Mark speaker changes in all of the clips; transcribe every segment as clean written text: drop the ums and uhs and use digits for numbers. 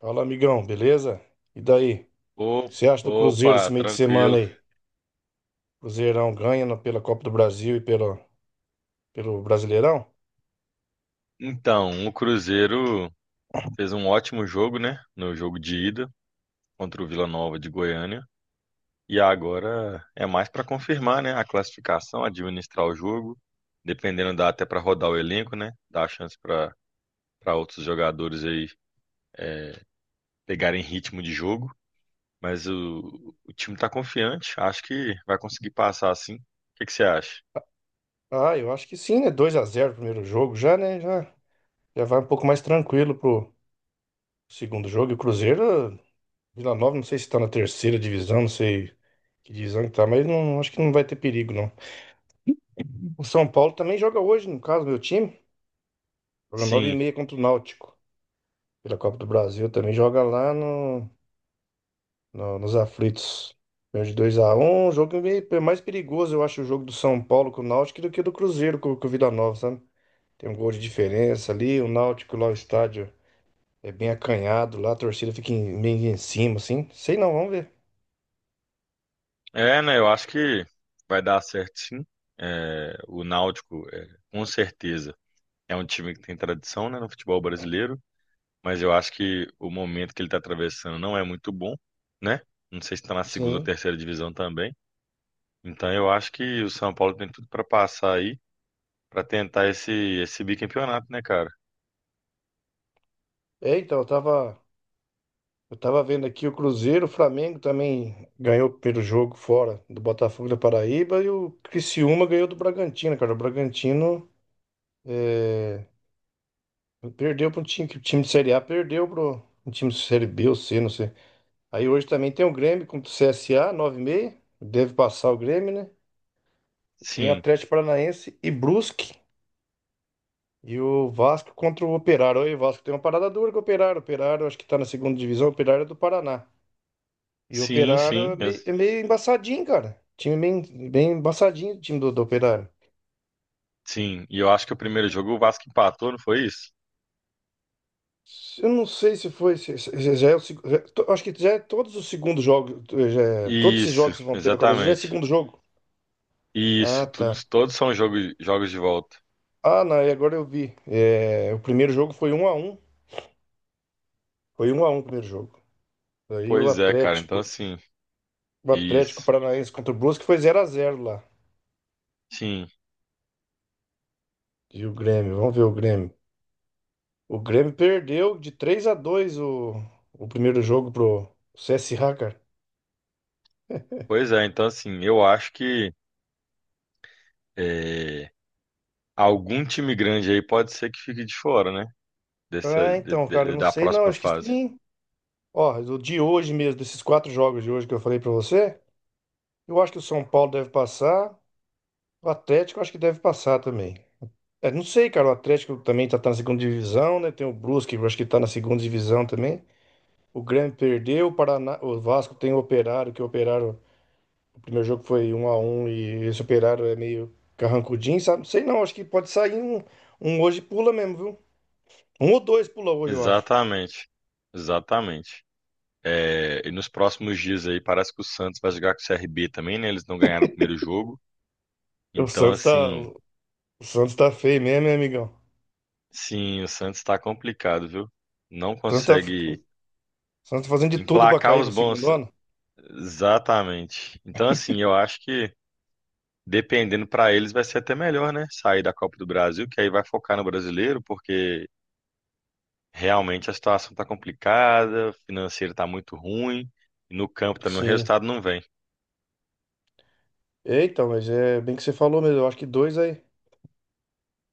Speaker 1: Fala, amigão, beleza? E daí? O que
Speaker 2: Ô-
Speaker 1: você acha do Cruzeiro esse
Speaker 2: Opa,
Speaker 1: meio de semana
Speaker 2: tranquilo.
Speaker 1: aí? Cruzeirão ganha pela Copa do Brasil e pelo Brasileirão?
Speaker 2: Então, o Cruzeiro fez um ótimo jogo, né? No jogo de ida contra o Vila Nova de Goiânia. E agora é mais para confirmar, né? A classificação, administrar o jogo. Dependendo, dá até para rodar o elenco, né? Dá a chance para outros jogadores aí pegarem ritmo de jogo. Mas o time tá confiante. Acho que vai conseguir passar assim. O que que você acha?
Speaker 1: Ah, eu acho que sim, né? 2-0, o primeiro jogo já, né? Já, já vai um pouco mais tranquilo pro segundo jogo. E o Cruzeiro, Vila Nova, não sei se tá na terceira divisão, não sei que divisão que tá, mas não, acho que não vai ter perigo, não. O São Paulo também joga hoje, no caso, meu time. Joga nove e
Speaker 2: Sim.
Speaker 1: meia contra o Náutico. Pela Copa do Brasil também joga lá nos aflitos. Ganhou de dois a 1, um jogo meio, mais perigoso, eu acho, o jogo do São Paulo com o Náutico do que do Cruzeiro com o Vila Nova, sabe? Tem um gol de diferença ali, o Náutico lá, o estádio é bem acanhado lá, a torcida fica meio em cima, assim. Sei não, vamos ver.
Speaker 2: É, né? Eu acho que vai dar certo sim. É, o Náutico, é, com certeza, é um time que tem tradição, né, no futebol brasileiro, mas eu acho que o momento que ele está atravessando não é muito bom, né? Não sei se está na segunda ou
Speaker 1: Sim.
Speaker 2: terceira divisão também. Então eu acho que o São Paulo tem tudo para passar aí, para tentar esse bicampeonato, né, cara?
Speaker 1: É, então, eu tava vendo aqui o Cruzeiro, o Flamengo também ganhou pelo jogo fora do Botafogo da Paraíba e o Criciúma ganhou do Bragantino, cara. O Bragantino. é, Perdeu para um time, que o time de Série A, perdeu para um time de Série B ou C, não sei. Aí hoje também tem o Grêmio contra o CSA, nove e 30. Deve passar o Grêmio, né? Tem
Speaker 2: Sim,
Speaker 1: Atlético Paranaense e Brusque. E o Vasco contra o Operário. Aí o Vasco tem uma parada dura com o Operário. O Operário acho que tá na segunda divisão, o Operário é do Paraná. E o
Speaker 2: sim,
Speaker 1: Operário é
Speaker 2: sim,
Speaker 1: meio, é meio embaçadinho, cara. Time bem, bem embaçadinho, o time do Operário.
Speaker 2: sim. E eu acho que o primeiro jogo o Vasco empatou, não foi isso?
Speaker 1: Eu não sei se foi. Se- se- se já é o seg- Acho que já é todos os segundos jogos. Todos esses jogos
Speaker 2: Isso,
Speaker 1: que vão ter na Copa do Brasil já é
Speaker 2: exatamente.
Speaker 1: segundo jogo. Ah,
Speaker 2: Isso, tudo,
Speaker 1: tá.
Speaker 2: todos são jogos, jogos de volta.
Speaker 1: Ah, não, e agora eu vi. É, o primeiro jogo foi 1-1. Foi um a um o primeiro jogo. Aí o
Speaker 2: Pois é, cara, então
Speaker 1: Atlético.
Speaker 2: assim,
Speaker 1: O Atlético
Speaker 2: isso.
Speaker 1: Paranaense contra o Brusque foi 0-0 lá.
Speaker 2: Sim,
Speaker 1: E o Grêmio, vamos ver o Grêmio. O Grêmio perdeu de 3-2 o primeiro jogo pro CSA, cara.
Speaker 2: pois é, então assim, eu acho que é, algum time grande aí pode ser que fique de fora, né?
Speaker 1: Ah, então, cara, eu não
Speaker 2: Da
Speaker 1: sei não.
Speaker 2: próxima
Speaker 1: Acho que
Speaker 2: fase.
Speaker 1: sim. Ó, o de hoje mesmo, desses quatro jogos de hoje que eu falei pra você, eu acho que o São Paulo deve passar, o Atlético eu acho que deve passar também. É, não sei, cara, o Atlético também tá na segunda divisão, né? Tem o Brusque, eu acho que tá na segunda divisão também. O Grêmio perdeu, o Paraná, o Vasco tem o Operário, que o Operário, o primeiro jogo foi um a um e esse Operário é meio carrancudinho, sabe? Não sei não, acho que pode sair um hoje pula mesmo, viu? Um ou dois pula hoje, eu acho.
Speaker 2: Exatamente, exatamente. É, e nos próximos dias aí parece que o Santos vai jogar com o CRB também, né? Eles não ganharam o primeiro jogo.
Speaker 1: O
Speaker 2: Então,
Speaker 1: Santos tá,
Speaker 2: assim,
Speaker 1: o Santos tá feio mesmo, hein, amigão?
Speaker 2: sim, o Santos tá complicado, viu? Não
Speaker 1: O Santos tá,
Speaker 2: consegue
Speaker 1: O Santos fazendo de tudo pra
Speaker 2: emplacar
Speaker 1: cair
Speaker 2: os
Speaker 1: pra segundo
Speaker 2: bons.
Speaker 1: ano?
Speaker 2: Exatamente. Então, assim, eu acho que dependendo para eles vai ser até melhor, né? Sair da Copa do Brasil, que aí vai focar no brasileiro, porque realmente a situação tá complicada, o financeiro tá muito ruim, e no campo também o
Speaker 1: Sim.
Speaker 2: resultado não vem.
Speaker 1: Eita, mas é bem que você falou mesmo. Eu acho que dois aí,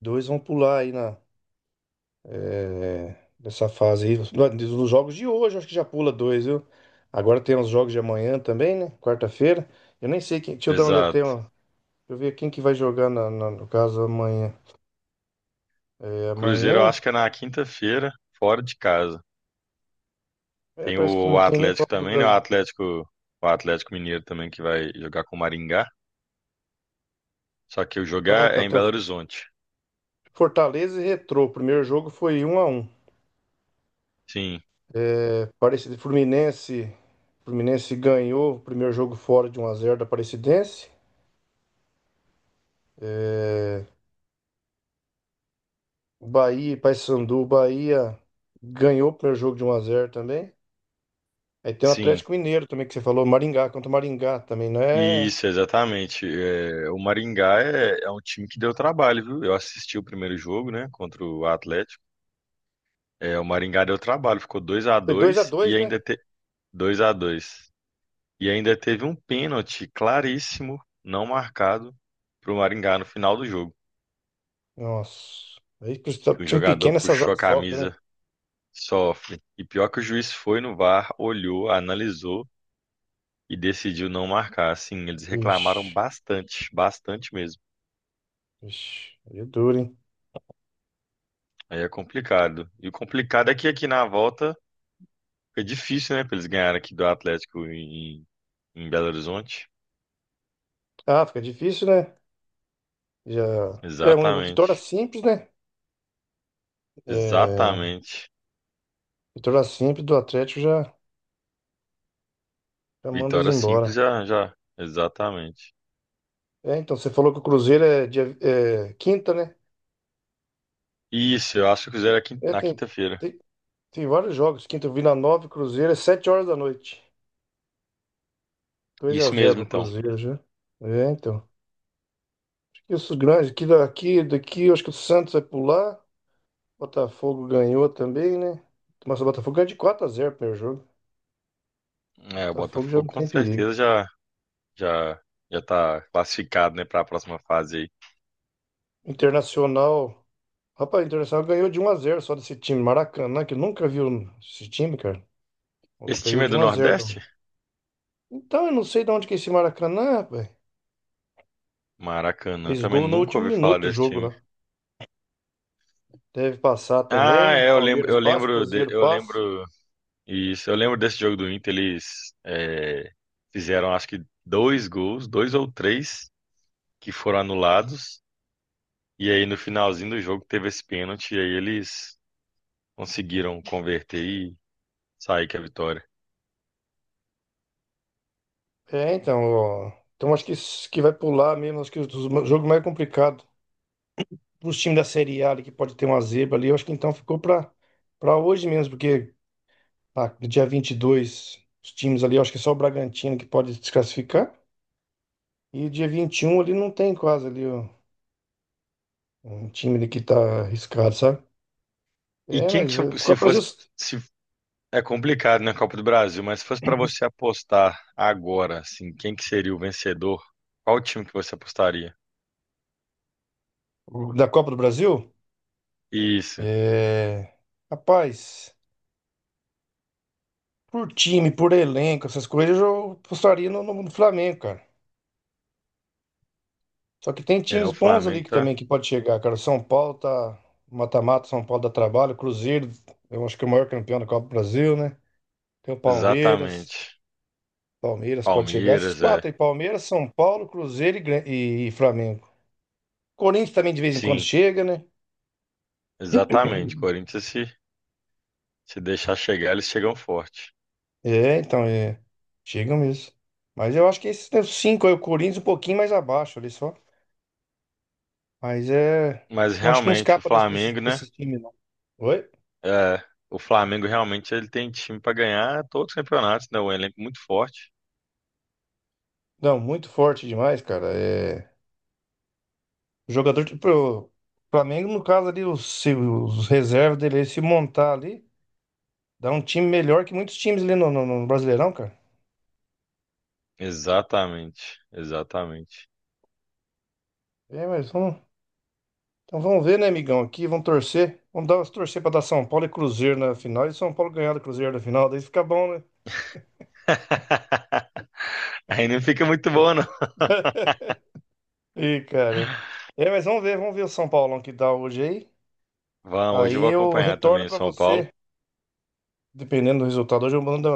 Speaker 1: dois vão pular aí nessa fase aí. Nos jogos de hoje, eu acho que já pula dois, viu? Agora tem os jogos de amanhã também, né? Quarta-feira. Eu nem sei quem. Deixa eu dar uma olhada.
Speaker 2: Exato.
Speaker 1: Deixa eu ver quem que vai jogar no caso amanhã. É,
Speaker 2: Cruzeiro eu
Speaker 1: amanhã.
Speaker 2: acho que é na quinta-feira, fora de casa.
Speaker 1: É,
Speaker 2: Tem
Speaker 1: parece que não
Speaker 2: o
Speaker 1: tem nem
Speaker 2: Atlético
Speaker 1: Copa do
Speaker 2: também, né?
Speaker 1: Brasil.
Speaker 2: O Atlético Mineiro também que vai jogar com o Maringá, só que o
Speaker 1: Ah,
Speaker 2: jogar é
Speaker 1: então
Speaker 2: em
Speaker 1: tem o
Speaker 2: Belo Horizonte.
Speaker 1: Fortaleza e Retrô. O primeiro jogo foi um a um.
Speaker 2: Sim,
Speaker 1: Aparecida Fluminense. Fluminense ganhou o primeiro jogo fora de um x 0 da Aparecidense. Bahia e Paysandu. Bahia ganhou o primeiro jogo de um x 0 também. Aí tem o
Speaker 2: sim.
Speaker 1: Atlético Mineiro também que você falou. Maringá contra o Maringá também, não é?
Speaker 2: Isso, exatamente. É, o Maringá é um time que deu trabalho, viu? Eu assisti o primeiro jogo, né, contra o Atlético. É, o Maringá deu trabalho, ficou 2 a
Speaker 1: Foi dois a
Speaker 2: 2 e
Speaker 1: dois, né?
Speaker 2: ainda te... 2 a dois. E ainda teve um pênalti claríssimo, não marcado, pro Maringá no final do jogo,
Speaker 1: Nossa. Aí
Speaker 2: que o
Speaker 1: time
Speaker 2: jogador
Speaker 1: pequeno essas
Speaker 2: puxou a
Speaker 1: horas sofre, né?
Speaker 2: camisa, sofre. E pior que o juiz foi no VAR, olhou, analisou e decidiu não marcar. Assim, eles
Speaker 1: Ixi,
Speaker 2: reclamaram bastante, bastante mesmo.
Speaker 1: ixi. Aí é duro, hein?
Speaker 2: Aí é complicado. E o complicado é que aqui na volta fica difícil, né? Pra eles ganharem aqui do Atlético em, Belo Horizonte.
Speaker 1: Ah, fica difícil, né? Já. É uma vitória
Speaker 2: Exatamente.
Speaker 1: simples, né? É,
Speaker 2: Exatamente.
Speaker 1: vitória simples do Atlético já, já manda eles
Speaker 2: Vitória
Speaker 1: embora.
Speaker 2: simples já, já. Exatamente.
Speaker 1: É, então, você falou que o Cruzeiro é, dia, é quinta, né?
Speaker 2: Isso, eu acho que fizeram aqui
Speaker 1: É,
Speaker 2: na quinta-feira.
Speaker 1: tem, tem vários jogos. Quinta, Vila Nova e Cruzeiro é 7 horas da noite. dois a
Speaker 2: Isso
Speaker 1: zero
Speaker 2: mesmo,
Speaker 1: pro
Speaker 2: então.
Speaker 1: Cruzeiro já. É, então. Acho que os grandes, aqui daqui, eu acho que o Santos vai pular. Botafogo ganhou também, né? Mas o Botafogo ganhou de 4-0 o primeiro jogo. O
Speaker 2: É, o
Speaker 1: Botafogo já
Speaker 2: Botafogo
Speaker 1: não
Speaker 2: com
Speaker 1: tem perigo.
Speaker 2: certeza já, já, já tá classificado, né, para a próxima fase aí.
Speaker 1: Internacional. Rapaz, o Internacional ganhou de 1-0 só desse time. Maracanã, que eu nunca viu esse time, cara.
Speaker 2: Esse
Speaker 1: Ganhou
Speaker 2: time é
Speaker 1: de
Speaker 2: do
Speaker 1: um a zero.
Speaker 2: Nordeste?
Speaker 1: Então, eu não sei de onde que é esse Maracanã, rapaz.
Speaker 2: Maracanã, eu
Speaker 1: Fez
Speaker 2: também
Speaker 1: gol no
Speaker 2: nunca
Speaker 1: último
Speaker 2: ouvi falar
Speaker 1: minuto do
Speaker 2: desse
Speaker 1: jogo
Speaker 2: time.
Speaker 1: lá. Deve passar
Speaker 2: Ah,
Speaker 1: também.
Speaker 2: é, eu lembro,
Speaker 1: Palmeiras
Speaker 2: eu
Speaker 1: passa,
Speaker 2: lembro,
Speaker 1: Cruzeiro
Speaker 2: eu
Speaker 1: passa.
Speaker 2: lembro. Isso, eu lembro desse jogo do Inter, eles é, fizeram acho que dois gols, dois ou três, que foram anulados. E aí no finalzinho do jogo teve esse pênalti, e aí eles conseguiram converter e sair com a vitória.
Speaker 1: É, então, ó, então acho que, que vai pular mesmo. Acho que o jogo mais complicado os times da Série A ali, que pode ter uma zebra ali. Eu acho que então ficou para hoje mesmo, porque ah, dia 22 os times ali, eu acho que é só o Bragantino que pode desclassificar. E dia 21 ali não tem quase ali ó, um time ali que tá arriscado, sabe?
Speaker 2: E
Speaker 1: É,
Speaker 2: quem
Speaker 1: mas
Speaker 2: que
Speaker 1: é, ficou
Speaker 2: se
Speaker 1: a Brasil
Speaker 2: fosse, se é complicado na Copa do Brasil, mas se fosse para você apostar agora, assim, quem que seria o vencedor? Qual time que você apostaria?
Speaker 1: da Copa do Brasil.
Speaker 2: Isso,
Speaker 1: É, rapaz. Por time, por elenco, essas coisas, eu apostaria no Flamengo, cara. Só que tem
Speaker 2: é
Speaker 1: times
Speaker 2: o
Speaker 1: bons ali
Speaker 2: Flamengo,
Speaker 1: que também
Speaker 2: tá?
Speaker 1: que pode chegar, cara. São Paulo tá mata-mata, São Paulo dá trabalho, Cruzeiro, eu acho que é o maior campeão da Copa do Brasil, né? Tem o Palmeiras,
Speaker 2: Exatamente.
Speaker 1: Palmeiras pode chegar. Esses
Speaker 2: Palmeiras, é.
Speaker 1: quatro aí, Palmeiras, São Paulo, Cruzeiro e Flamengo. Corinthians também de vez em quando
Speaker 2: Sim.
Speaker 1: chega, né?
Speaker 2: Exatamente. Corinthians, se deixar chegar, eles chegam forte.
Speaker 1: É, então, é. Chega mesmo. Mas eu acho que esses né, os cinco aí, o Corinthians um pouquinho mais abaixo ali só. Mas é.
Speaker 2: Mas
Speaker 1: Não acho que não
Speaker 2: realmente, o
Speaker 1: escapa desse, desse,
Speaker 2: Flamengo, né?
Speaker 1: desse time, não. Oi?
Speaker 2: É, o Flamengo realmente ele tem time para ganhar todos os campeonatos, né? Um elenco muito forte.
Speaker 1: Não, muito forte demais, cara. É. Jogador de. Pro Flamengo, no caso ali, se os reservas dele se montar ali, dá um time melhor que muitos times ali no Brasileirão, cara.
Speaker 2: Exatamente. Exatamente.
Speaker 1: É, mas vamos. Então vamos ver, né, amigão? Aqui, vamos torcer. Torcer pra dar São Paulo e Cruzeiro na final. E São Paulo ganhar do Cruzeiro na final, daí fica bom, né?
Speaker 2: Aí não fica muito bom, não.
Speaker 1: Ih, cara. É, mas vamos ver o São Paulão que dá hoje aí.
Speaker 2: Vamos, hoje
Speaker 1: Aí
Speaker 2: eu vou
Speaker 1: eu
Speaker 2: acompanhar
Speaker 1: retorno
Speaker 2: também o
Speaker 1: pra
Speaker 2: São Paulo.
Speaker 1: você. Dependendo do resultado, hoje eu mando,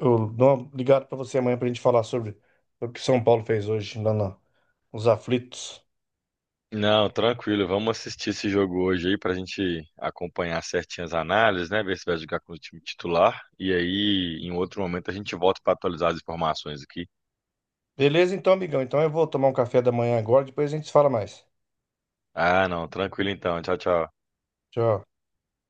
Speaker 1: eu dou uma ligada pra você amanhã pra gente falar sobre o que São Paulo fez hoje lá nos aflitos.
Speaker 2: Não, tranquilo, vamos assistir esse jogo hoje aí pra gente acompanhar certinho as análises, né? Ver se vai jogar com o time titular. E aí, em outro momento, a gente volta para atualizar as informações aqui.
Speaker 1: Beleza, então, amigão. Então eu vou tomar um café da manhã agora, depois a gente se fala mais.
Speaker 2: Ah, não, tranquilo então. Tchau, tchau.
Speaker 1: Tchau.